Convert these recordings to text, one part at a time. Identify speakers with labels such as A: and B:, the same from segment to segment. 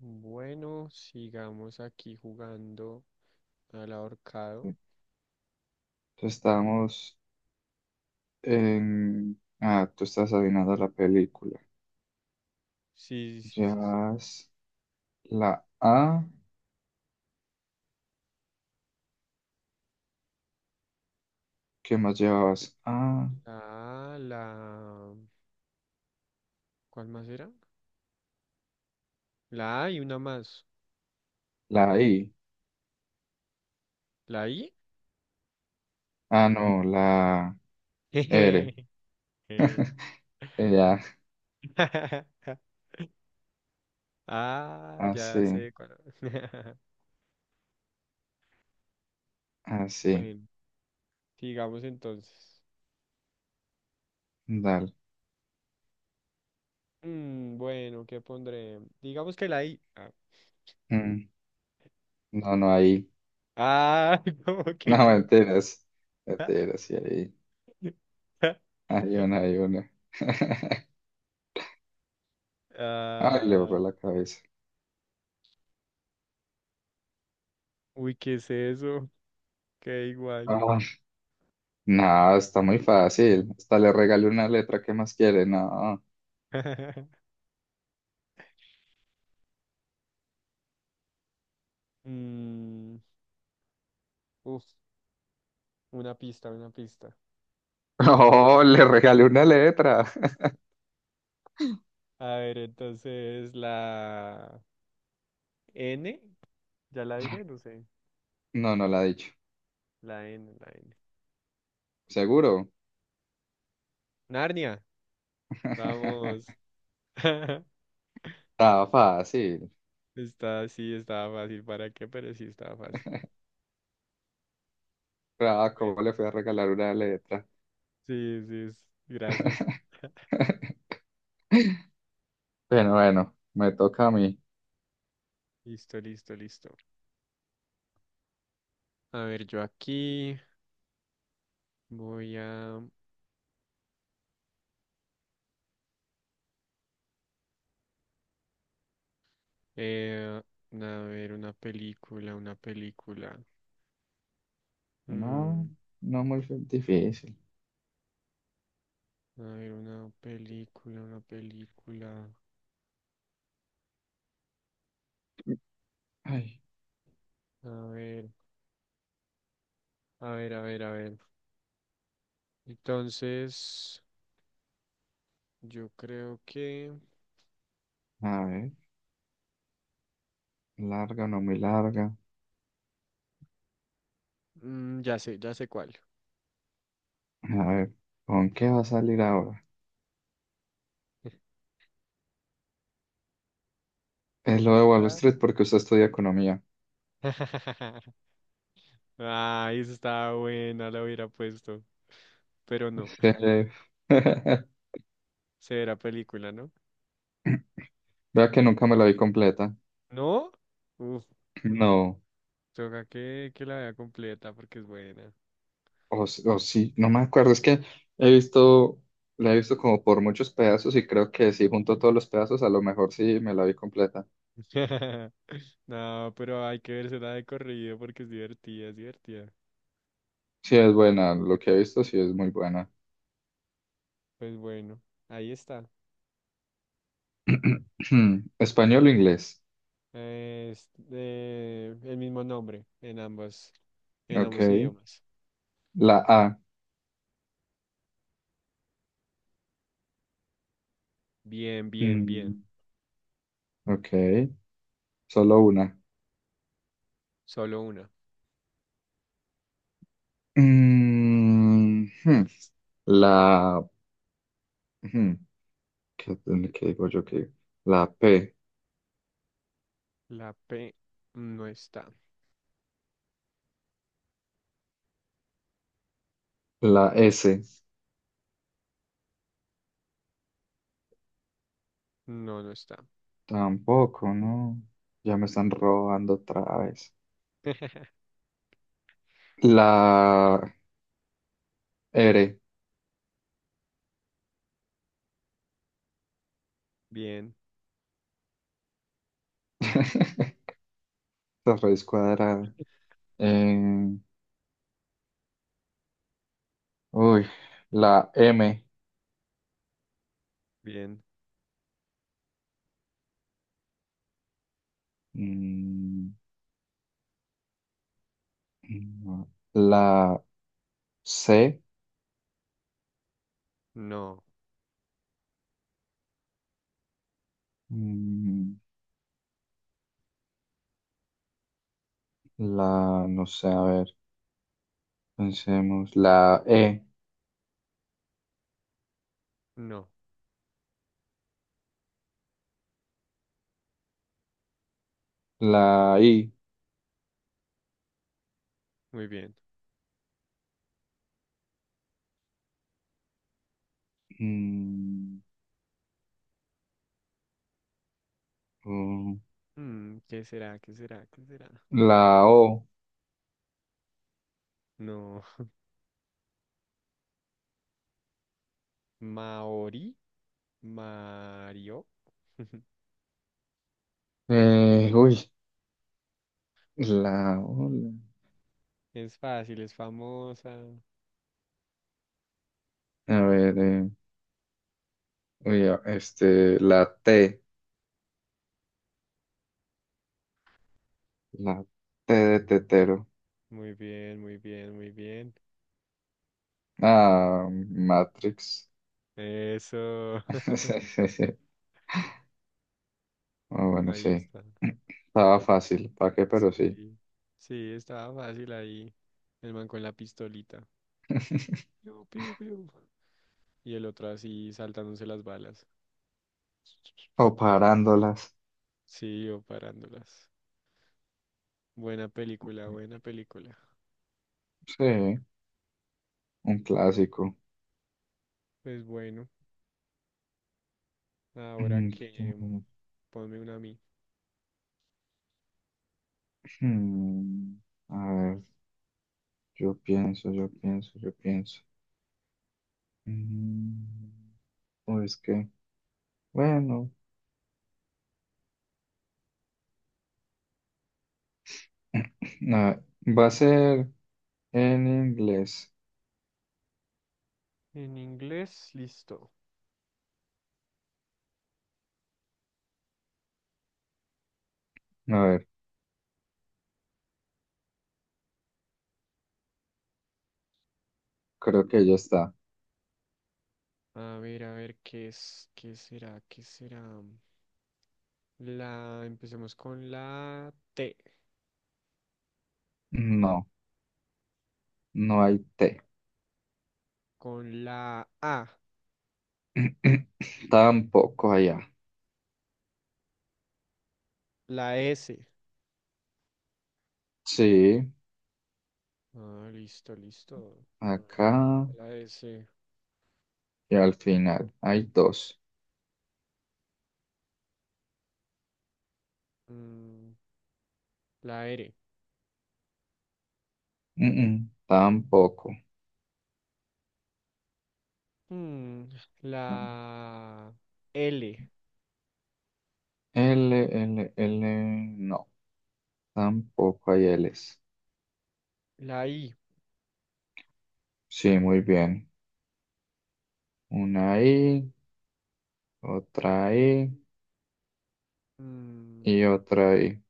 A: Bueno, sigamos aquí jugando al ahorcado.
B: Entonces, estábamos en... Ah, tú estás adivinando la película.
A: Sí, sí, sí, sí, sí.
B: Llevas la A. ¿Qué más llevabas? Ah,
A: Ah, la... ¿Cuál más era? La A y una más.
B: la I.
A: ¿La I?
B: Ah, no, la R.
A: Jejeje.
B: Ya,
A: Ah, ya
B: así,
A: sé cuál.
B: así.
A: Bueno, sigamos entonces.
B: Dale.
A: Bueno, ¿qué pondré? Digamos que la I. Ah,
B: Mm, no, no, ahí.
A: Ah, ¿cómo
B: No,
A: que no?
B: mentiras. Mentiras, sí, ahí. Hay una, hay una. Ay, le
A: Ah,
B: borró la cabeza.
A: uy, ¿qué es eso? Qué igual.
B: Ah. No, está muy fácil. Hasta le regalé una letra. ¿Qué más quiere? No.
A: Mm, uf, una pista, una pista.
B: Oh, le regalé una letra.
A: A ver, entonces la N, ya la dije, no sé.
B: No, no la ha dicho.
A: La N.
B: ¿Seguro?
A: Narnia, vamos.
B: Estaba fácil.
A: Está, sí, estaba fácil. ¿Para qué? Pero sí, estaba fácil.
B: Ah,
A: Bueno,
B: ¿cómo le fui a regalar una letra?
A: sí, sí, gracias.
B: Bueno, bueno, me toca a mí.
A: Listo, listo, listo. A ver, yo aquí voy a, eh, a ver una película, una película.
B: No,
A: Mm.
B: no muy difícil.
A: A ver, una película, una película.
B: Ay,
A: A ver, a ver, a ver, a ver. Entonces, yo creo que...
B: a ver, larga o no muy larga.
A: ya sé cuál.
B: A ver, ¿con qué va a salir ahora? Es lo de Wall
A: Está.
B: Street porque usted estudia economía.
A: Ah, esa estaba buena, la hubiera puesto. Pero no,
B: Eh,
A: será película, ¿no?
B: Vea que nunca me la vi completa.
A: ¿No? Uf,
B: No.
A: toca que la vea completa porque es buena.
B: O sí, no me acuerdo, es que he visto, la he visto como por muchos pedazos y creo que si junto todos los pedazos, a lo mejor sí me la vi completa.
A: No, pero hay que verse la de corrido porque es divertida, es divertida.
B: Sí es buena, lo que he visto sí es muy buena.
A: Pues bueno, ahí está.
B: ¿Español o inglés?
A: Es el mismo nombre en ambas, en ambos
B: Ok.
A: idiomas.
B: La A,
A: Bien, bien, bien.
B: mm, ok, solo una.
A: Solo una.
B: Mm, hmm. La, hmm, ¿qué, qué digo yo que la P,
A: La P no está.
B: la S?
A: No, no está.
B: Tampoco, no, ya me están robando otra vez. La R.
A: Bien,
B: La raíz cuadrada. Eh, uy, la M.
A: bien.
B: Mm, no. La C.
A: No,
B: Mm, la, no sé, a ver, pensemos. La E.
A: no.
B: La I.
A: Muy bien.
B: Mm, mm,
A: Mm, ¿qué será? ¿Qué será? ¿Qué será?
B: la O.
A: No. Maori. Mario.
B: Uy, la O.
A: Es fácil, es famosa.
B: A ver, uy, este, la T. La T de tetero.
A: Muy bien, muy bien, muy bien.
B: Ah, Matrix.
A: Eso.
B: Sí, sí, sí. Ah, bueno,
A: Ahí
B: sí.
A: está.
B: Estaba fácil, ¿para qué? Pero sí.
A: Sí, sí, estaba fácil ahí. El man con la pistolita. Piu, piu, piu. Y el otro así saltándose las balas.
B: O parándolas.
A: Sí, yo parándolas. Buena película, buena película.
B: Sí, un clásico.
A: Pues bueno, ahora
B: Mm,
A: que
B: qué-
A: mm, ponme una a mí.
B: hmm, A ver, yo pienso, yo pienso, yo pienso. Mm, O es que, bueno, a- va a ser en inglés.
A: En inglés, listo.
B: A ver, creo que ya está.
A: A ver, ¿qué es? ¿Qué será? ¿Qué será? La, empecemos con la T,
B: No, no hay T.
A: con la A,
B: Tampoco allá.
A: la S.
B: Sí.
A: Ah, listo, listo. A ver,
B: Acá
A: ¿dónde está la S.
B: y al final. Hay dos.
A: Mm, la R.
B: Mm, tampoco.
A: Mm, la L.
B: L, L, L. No, tampoco hay Ls.
A: La I.
B: Sí, muy bien. Una I, otra I
A: Mm,
B: y otra I.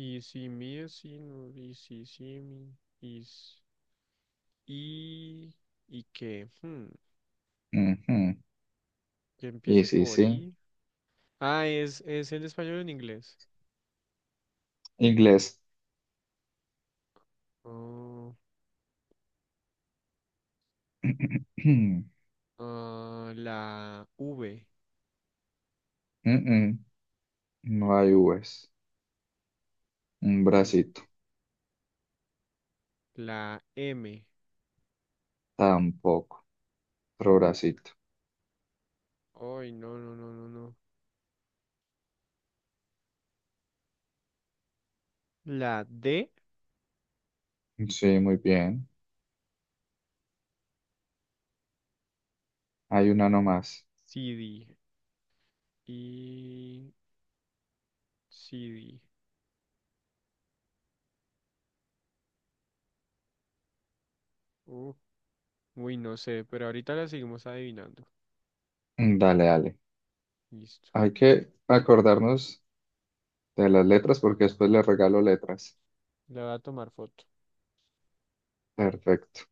A: y si mi es si no, y si si mi. Is, y, y que,
B: Ujú.
A: que
B: Y
A: empiece
B: sí,
A: por
B: sí.
A: I. Ah, es en español o en inglés.
B: Inglés.
A: Oh, ah, la V.
B: Mm, mm, No hay Vs. Un
A: Mm,
B: bracito.
A: la M.
B: Tampoco. Otro bracito.
A: Ay, no, no, no, no, no. La D.
B: Sí, muy bien. Hay una nomás.
A: CD. Y CD. Uh, uy, no sé, pero ahorita la seguimos adivinando.
B: Dale, dale.
A: Listo.
B: Hay que acordarnos de las letras, porque después le regalo letras.
A: Le voy a tomar foto.
B: Perfecto.